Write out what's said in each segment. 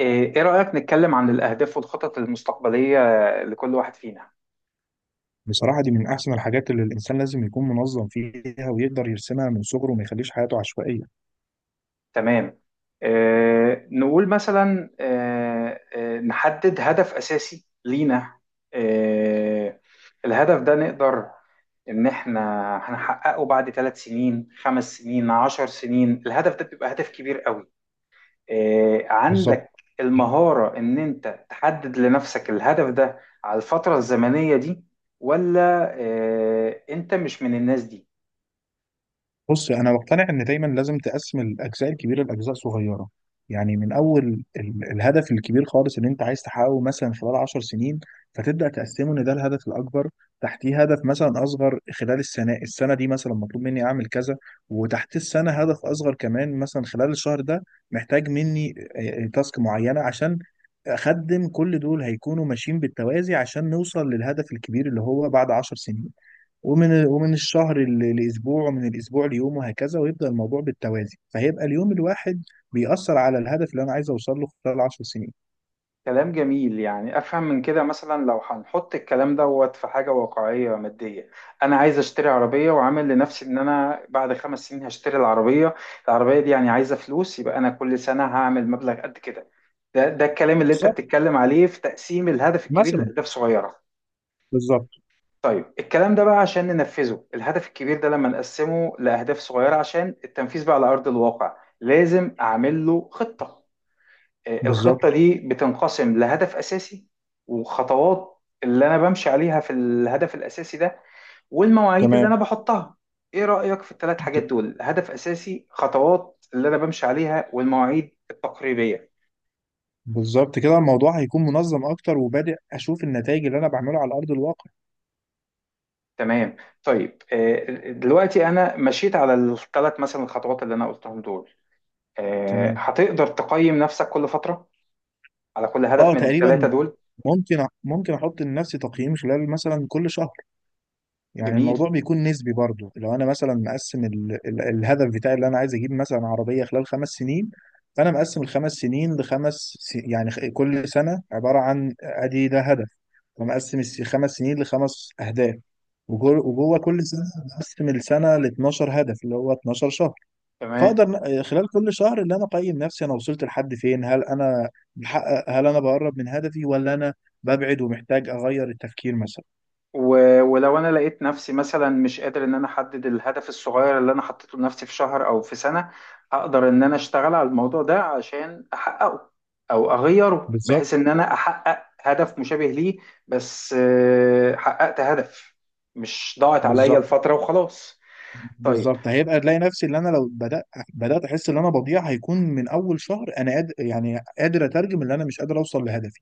إيه رأيك نتكلم عن الأهداف والخطط المستقبلية لكل واحد فينا؟ بصراحة دي من أحسن الحاجات اللي الإنسان لازم يكون منظم فيها ويقدر يرسمها من صغره وما يخليش حياته عشوائية. تمام. إيه نقول مثلا إيه نحدد هدف أساسي لينا. إيه الهدف ده نقدر إن إحنا هنحققه بعد 3 سنين، 5 سنين، 10 سنين. الهدف ده بيبقى هدف كبير قوي. إيه بالظبط. عندك المهارة إن أنت تحدد لنفسك الهدف ده على الفترة الزمنية دي ولا إيه أنت مش من الناس دي؟ بص انا مقتنع ان دايما لازم تقسم الاجزاء الكبيره لاجزاء صغيره. يعني من اول الهدف الكبير خالص اللي انت عايز تحققه مثلا خلال 10 سنين، فتبدا تقسمه ان ده الهدف الاكبر. تحتيه هدف مثلا اصغر خلال السنه دي، مثلا مطلوب مني اعمل كذا. وتحت السنه هدف اصغر كمان، مثلا خلال الشهر ده محتاج مني تاسك معينه، عشان اخدم كل دول هيكونوا ماشيين بالتوازي عشان نوصل للهدف الكبير اللي هو بعد 10 سنين. ومن الشهر لاسبوع، ومن الاسبوع ليوم وهكذا، ويبدا الموضوع بالتوازي، فهيبقى اليوم الواحد بيأثر على الهدف اللي انا عايز اوصل له خلال 10 سنين. كلام جميل، يعني افهم من كده مثلا لو هنحط الكلام دوت في حاجه واقعيه ماديه، انا عايز اشتري عربيه وعامل لنفسي ان انا بعد 5 سنين هشتري العربيه. العربيه دي يعني عايزه فلوس، يبقى انا كل سنه هعمل مبلغ قد كده. ده الكلام اللي انت بالظبط. بتتكلم عليه في تقسيم الهدف الكبير مثلا. لاهداف صغيره. بالظبط. طيب الكلام ده بقى عشان ننفذه، الهدف الكبير ده لما نقسمه لاهداف صغيره عشان التنفيذ بقى على ارض الواقع، لازم اعمل له خطه. بالظبط. الخطة دي بتنقسم لهدف أساسي وخطوات اللي أنا بمشي عليها في الهدف الأساسي ده والمواعيد اللي تمام. أنا بحطها. إيه رأيك في الثلاث حاجات دول، هدف أساسي، خطوات اللي أنا بمشي عليها، والمواعيد التقريبية؟ بالظبط، كده الموضوع هيكون منظم اكتر وبادئ اشوف النتائج اللي انا بعمله على ارض الواقع. تمام. طيب، دلوقتي أنا مشيت على الثلاث مثلا الخطوات اللي أنا قلتهم دول. تمام. هتقدر تقيم نفسك كل فترة على كل هدف اه، من الثلاثة تقريبا. دول؟ ممكن احط لنفسي تقييم خلال مثلا كل شهر. يعني جميل. الموضوع بيكون نسبي برضه، لو انا مثلا مقسم الهدف بتاعي اللي انا عايز اجيب مثلا عربيه خلال 5 سنين. فانا مقسم ال5 سنين لخمس يعني كل سنه عباره عن ادي ده هدف. فمقسم ال5 سنين لخمس اهداف، وجوه كل سنه مقسم السنه ل 12 هدف اللي هو 12 شهر. تمام. فاقدر خلال كل شهر اللي انا اقيم نفسي، انا وصلت لحد فين؟ هل انا بحقق؟ هل انا بقرب من هدفي ولا انا ببعد ومحتاج اغير التفكير مثلا؟ ولو انا لقيت نفسي مثلا مش قادر ان انا احدد الهدف الصغير اللي انا حطيته لنفسي في شهر او في سنة، هقدر ان انا اشتغل على الموضوع ده عشان احققه، او اغيره بالظبط. بحيث ان انا احقق هدف مشابه ليه. بس حققت هدف، مش ضاعت عليا بالظبط. الفترة وخلاص. طيب. بالظبط، هيبقى تلاقي نفسي، اللي انا لو بدات احس ان انا بضيع هيكون من اول شهر انا قادر، يعني قادر اترجم ان انا مش قادر اوصل لهدفي.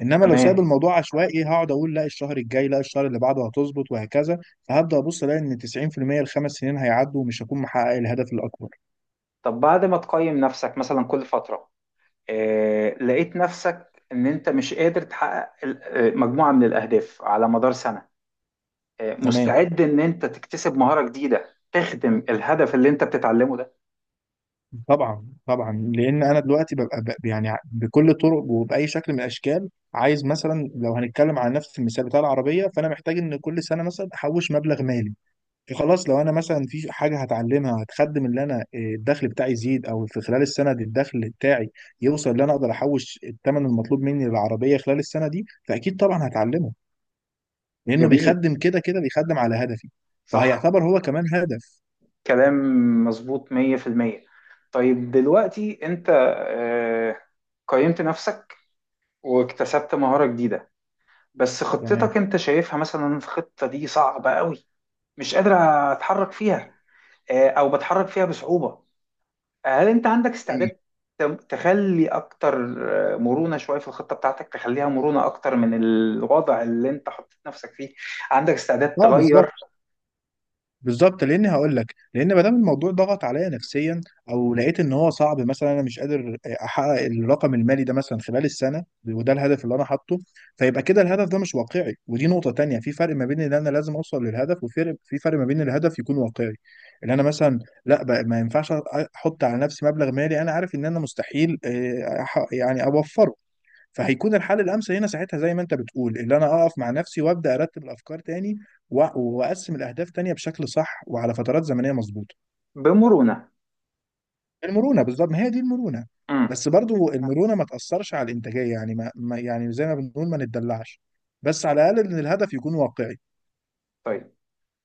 انما لو سايب تمام. الموضوع عشوائي هقعد اقول لا الشهر الجاي، لا الشهر اللي بعده هتظبط، وهكذا. فهبدا ابص الاقي ان 90% ال5 سنين هيعدوا ومش هكون محقق الهدف الاكبر. طب بعد ما تقيم نفسك مثلا كل فترة، لقيت نفسك ان انت مش قادر تحقق مجموعة من الاهداف على مدار سنة، تمام. مستعد ان انت تكتسب مهارة جديدة تخدم الهدف اللي انت بتتعلمه ده؟ طبعا طبعا، لان انا دلوقتي ببقى يعني بكل الطرق وباي شكل من الاشكال عايز، مثلا لو هنتكلم على نفس المثال بتاع العربيه، فانا محتاج ان كل سنه مثلا احوش مبلغ مالي. خلاص، لو انا مثلا في حاجه هتعلمها هتخدم اللي انا الدخل بتاعي يزيد، او في خلال السنه دي الدخل بتاعي يوصل اللي انا اقدر احوش الثمن المطلوب مني للعربيه خلال السنه دي، فاكيد طبعا هتعلمه لانه جميل. بيخدم، كده كده بيخدم على هدفي، صح. فهيعتبر هو كمان هدف. كلام مظبوط 100%. طيب دلوقتي انت آه، قيمت نفسك واكتسبت مهارة جديدة، بس تمام. خطتك انت شايفها مثلا الخطة دي صعبة قوي، مش قادر اتحرك فيها، او بتحرك فيها بصعوبة. هل انت عندك مم. استعداد تخلي اكتر مرونة شوية في الخطة بتاعتك، تخليها مرونة اكتر من الوضع اللي انت حطيت نفسك فيه؟ عندك استعداد اه، تغير بالظبط. بالظبط، لان هقول لك، لان ما دام الموضوع ضغط عليا نفسيا او لقيت ان هو صعب، مثلا انا مش قادر احقق الرقم المالي ده مثلا خلال السنه وده الهدف اللي انا حاطه، فيبقى كده الهدف ده مش واقعي. ودي نقطه تانية، في فرق ما بين ان انا لازم اوصل للهدف، في فرق ما بين الهدف يكون واقعي، ان انا مثلا، لا بقى، ما ينفعش احط على نفسي مبلغ مالي انا عارف ان انا مستحيل يعني اوفره. فهيكون الحل الامثل هنا ساعتها زي ما انت بتقول، اللي انا اقف مع نفسي وابدا ارتب الافكار تاني و- واقسم الاهداف تانية بشكل صح وعلى فترات زمنيه مظبوطه. بمرونة؟ المرونه بالظبط، ما هي دي المرونه. امم. بس برضو المرونه ما تاثرش على الانتاجيه، يعني يعني زي ما بنقول ما نتدلعش، بس على الاقل ان الهدف يكون واقعي. طيب،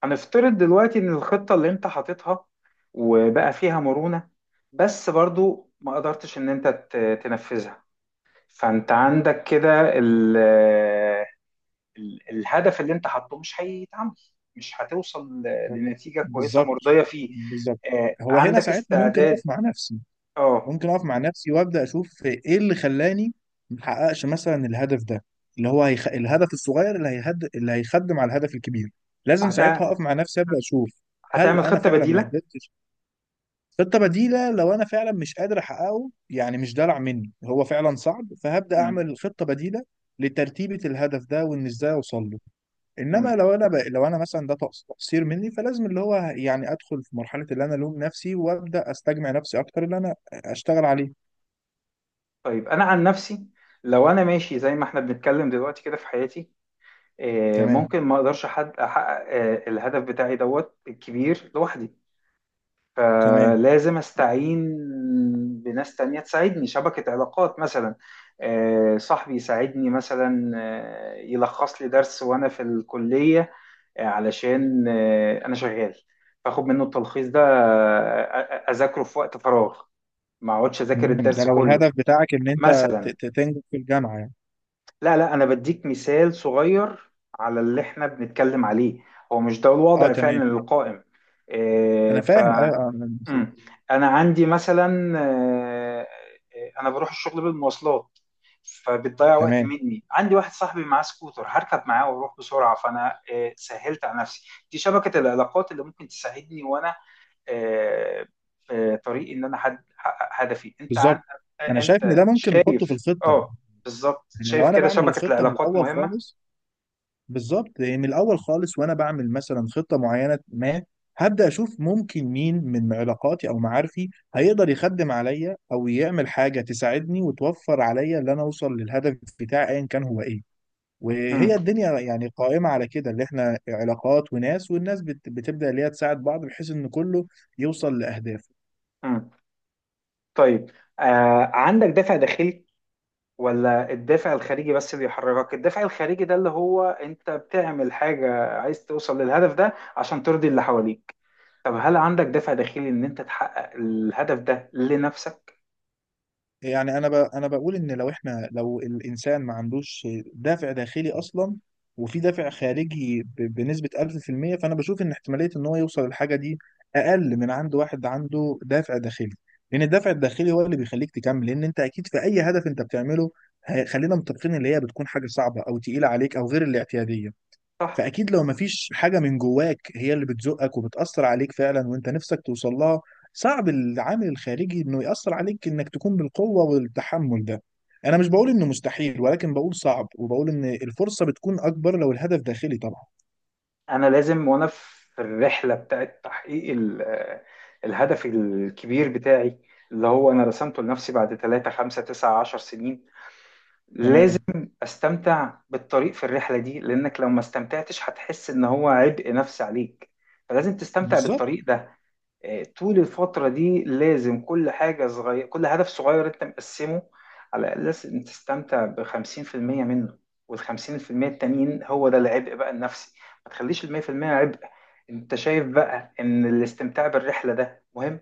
هنفترض دلوقتي ان الخطة اللي انت حاططها وبقى فيها مرونة، بس برضو ما قدرتش ان انت تنفذها. فانت عندك كده الهدف اللي انت حاطه مش هيتعمل، مش هتوصل لنتيجة كويسة بالظبط. مرضية فيه. بالظبط. هو هنا عندك ساعتها ممكن اقف استعداد؟ مع نفسي اه. ممكن اقف مع نفسي وابدا اشوف ايه اللي خلاني محققش مثلا الهدف ده، اللي هو الهدف الصغير اللي اللي هيخدم على الهدف الكبير. لازم هت... ساعتها اقف مع نفسي ابدا اشوف هل هتعمل انا خطة فعلا ما بديلة؟ قدرتش. خطه بديله، لو انا فعلا مش قادر احققه، يعني مش دلع مني، هو فعلا صعب، فهبدا مم. اعمل خطه بديله لترتيبة الهدف ده وان ازاي اوصل له. انما مم. لو انا مثلا ده تقصير مني، فلازم اللي هو يعني ادخل في مرحلة اللي انا الوم نفسي وابدا استجمع نفسي اكتر اللي انا اشتغل عليه. طيب انا عن نفسي، لو انا ماشي زي ما احنا بنتكلم دلوقتي كده في حياتي، تمام. ممكن ما اقدرش حد احقق الهدف بتاعي دوت الكبير لوحدي، تمام. فلازم استعين بناس تانية تساعدني، شبكة علاقات مثلا. صاحبي يساعدني مثلا، يلخص لي درس وانا في الكلية، علشان انا شغال، فاخد منه التلخيص ده اذاكره في وقت فراغ، ما اقعدش اذاكر تمام، ده الدرس لو كله الهدف بتاعك ان انت مثلا. تنجح في الجامعه يعني. لا، لا، انا بديك مثال صغير على اللي احنا بنتكلم عليه، هو مش ده اه الوضع تمام، فعلا القائم. انا فاهم ايوه، أنا نسيت. مم. انا عندي مثلا انا بروح الشغل بالمواصلات، فبتضيع وقت تمام مني، عندي واحد صاحبي معاه سكوتر هركب معاه واروح بسرعه، فانا سهلت على نفسي. دي شبكه العلاقات اللي ممكن تساعدني وانا آه، في طريق ان انا احقق هدفي. انت بالظبط، عن آه، انا شايف ان انت ده ممكن شايف؟ نحطه في الخطه، اه، بالظبط. يعني لو شايف انا كده بعمل شبكه الخطه من العلاقات الاول مهمه. خالص. بالظبط، لان الاول خالص وانا بعمل مثلا خطه معينه، ما هبدا اشوف ممكن مين من علاقاتي او معارفي هيقدر يخدم عليا او يعمل حاجه تساعدني وتوفر عليا ان انا اوصل للهدف بتاعي ايا كان هو ايه. مم. وهي الدنيا يعني قائمة على كده، اللي احنا علاقات وناس، والناس بتبدأ اللي هي تساعد بعض بحيث ان كله يوصل لأهدافه. مم. طيب عندك دافع داخلي ولا الدافع الخارجي بس اللي يحركك؟ الدافع الخارجي ده اللي هو انت بتعمل حاجة عايز توصل للهدف ده عشان ترضي اللي حواليك. طب هل عندك دافع داخلي ان انت تحقق الهدف ده لنفسك؟ يعني انا بقول ان لو احنا، لو الانسان ما عندوش دافع داخلي اصلا، وفي دافع خارجي بنسبة 1000%، فانا بشوف ان احتمالية ان هو يوصل للحاجة دي اقل من عند واحد عنده دافع داخلي. لان الدافع الداخلي هو اللي بيخليك تكمل، لان انت اكيد في اي هدف انت بتعمله، خلينا متفقين اللي هي بتكون حاجة صعبة او تقيلة عليك او غير الاعتيادية. صح. فاكيد لو مفيش حاجه من جواك هي اللي بتزقك وبتاثر عليك فعلا وانت نفسك توصل لها، صعب العامل الخارجي انه ياثر عليك انك تكون بالقوه والتحمل ده. انا مش بقول انه مستحيل، ولكن بقول صعب، وبقول ان الفرصه بتكون اكبر لو الهدف داخلي طبعا. انا لازم وانا في الرحلة بتاعت تحقيق الهدف الكبير بتاعي اللي هو انا رسمته لنفسي بعد 3 5 9 10 سنين، لازم تمام. استمتع بالطريق في الرحلة دي، لانك لو ما استمتعتش هتحس ان هو عبء نفسي عليك، فلازم تستمتع بالظبط. بالطريق ده. طول الفترة دي لازم كل حاجة صغيرة، كل هدف صغير انت مقسمه، على الأساس ان تستمتع بـ50% منه، والخمسين في المية التانيين هو ده العبء بقى النفسي، ما تخليش 100% عبء. انت شايف بقى ان الاستمتاع بالرحلة ده مهم؟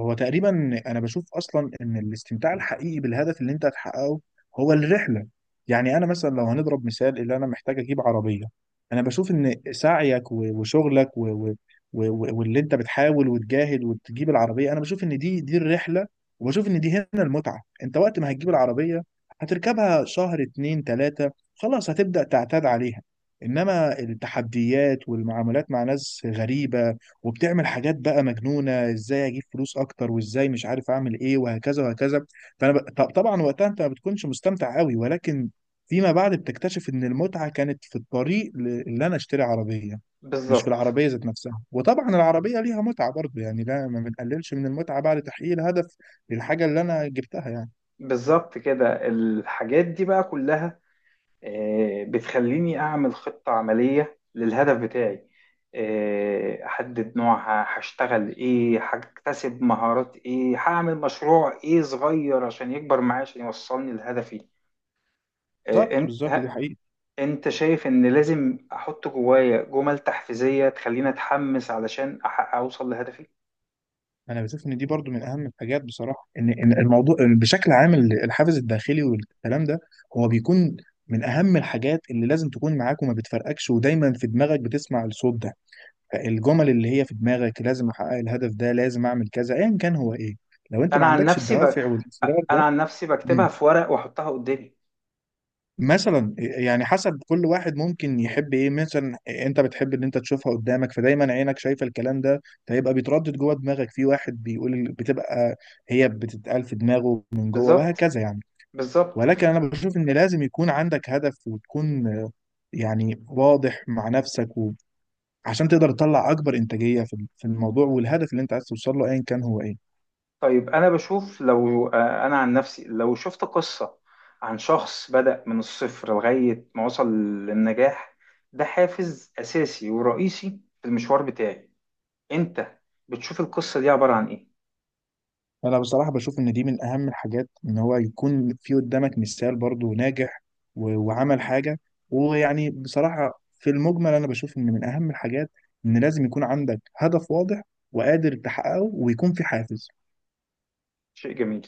هو تقريبا انا بشوف اصلا ان الاستمتاع الحقيقي بالهدف اللي انت هتحققه هو الرحله. يعني انا مثلا لو هنضرب مثال، اللي انا محتاج اجيب عربيه، انا بشوف ان سعيك وشغلك واللي انت بتحاول وتجاهد وتجيب العربيه، انا بشوف ان دي الرحله. وبشوف ان دي هنا المتعه، انت وقت ما هتجيب العربيه هتركبها شهر اتنين تلاته، خلاص هتبدا تعتاد عليها. انما التحديات والمعاملات مع ناس غريبه وبتعمل حاجات بقى مجنونه، ازاي اجيب فلوس اكتر وازاي مش عارف اعمل ايه وهكذا وهكذا. طبعا وقتها انت ما بتكونش مستمتع قوي، ولكن فيما بعد بتكتشف ان المتعه كانت في الطريق اللي انا اشتري عربيه، مش في بالظبط. العربيه ذات نفسها. وطبعا العربيه ليها متعه برضه يعني، لا ما بنقللش من المتعه بعد تحقيق الهدف للحاجه اللي انا جبتها يعني. بالظبط. كده الحاجات دي بقى كلها بتخليني أعمل خطة عملية للهدف بتاعي، أحدد نوعها، هشتغل إيه، هكتسب مهارات إيه، هعمل مشروع إيه صغير عشان يكبر معايا، عشان يوصلني لهدفي. آه، بالظبط. أنت بالظبط، دي ه- حقيقة. أنت شايف إن لازم أحط جوايا جمل تحفيزية تخليني أتحمس علشان أحقق أوصل لهدفي؟ انا بشوف ان دي برضو من اهم الحاجات بصراحه، ان الموضوع بشكل عام، الحافز الداخلي والكلام ده هو بيكون من اهم الحاجات اللي لازم تكون معاك وما بتفرقكش، ودايما في دماغك بتسمع الصوت ده. الجمل اللي هي في دماغك لازم احقق الهدف ده، لازم اعمل كذا ايا كان هو ايه، لو انت ما أنا عن عندكش نفسي ب... الدوافع والاصرار أنا ده. عن نفسي بكتبها مم. في ورق وأحطها قدامي. مثلا يعني حسب كل واحد، ممكن يحب ايه، مثلا انت بتحب ان انت تشوفها قدامك فدايما عينك شايفه الكلام ده فيبقى بيتردد جوه دماغك، في واحد بيقول بتبقى هي بتتقال في دماغه من جوه بالظبط. وهكذا يعني. بالظبط. ولكن انا بشوف ان لازم يكون عندك هدف وتكون يعني واضح مع نفسك عشان تقدر تطلع اكبر انتاجيه في الموضوع والهدف اللي انت عايز توصل له ايا كان هو ايه. طيب أنا بشوف، لو أنا عن نفسي لو شفت قصة عن شخص بدأ من الصفر لغاية ما وصل للنجاح، ده حافز أساسي ورئيسي في المشوار بتاعي. أنت بتشوف القصة دي عبارة عن إيه؟ انا بصراحه بشوف ان دي من اهم الحاجات، ان هو يكون في قدامك مثال برضو ناجح وعمل حاجه، ويعني بصراحه في المجمل انا بشوف ان من اهم الحاجات ان لازم يكون عندك هدف واضح وقادر تحققه ويكون في حافز. شيء جميل.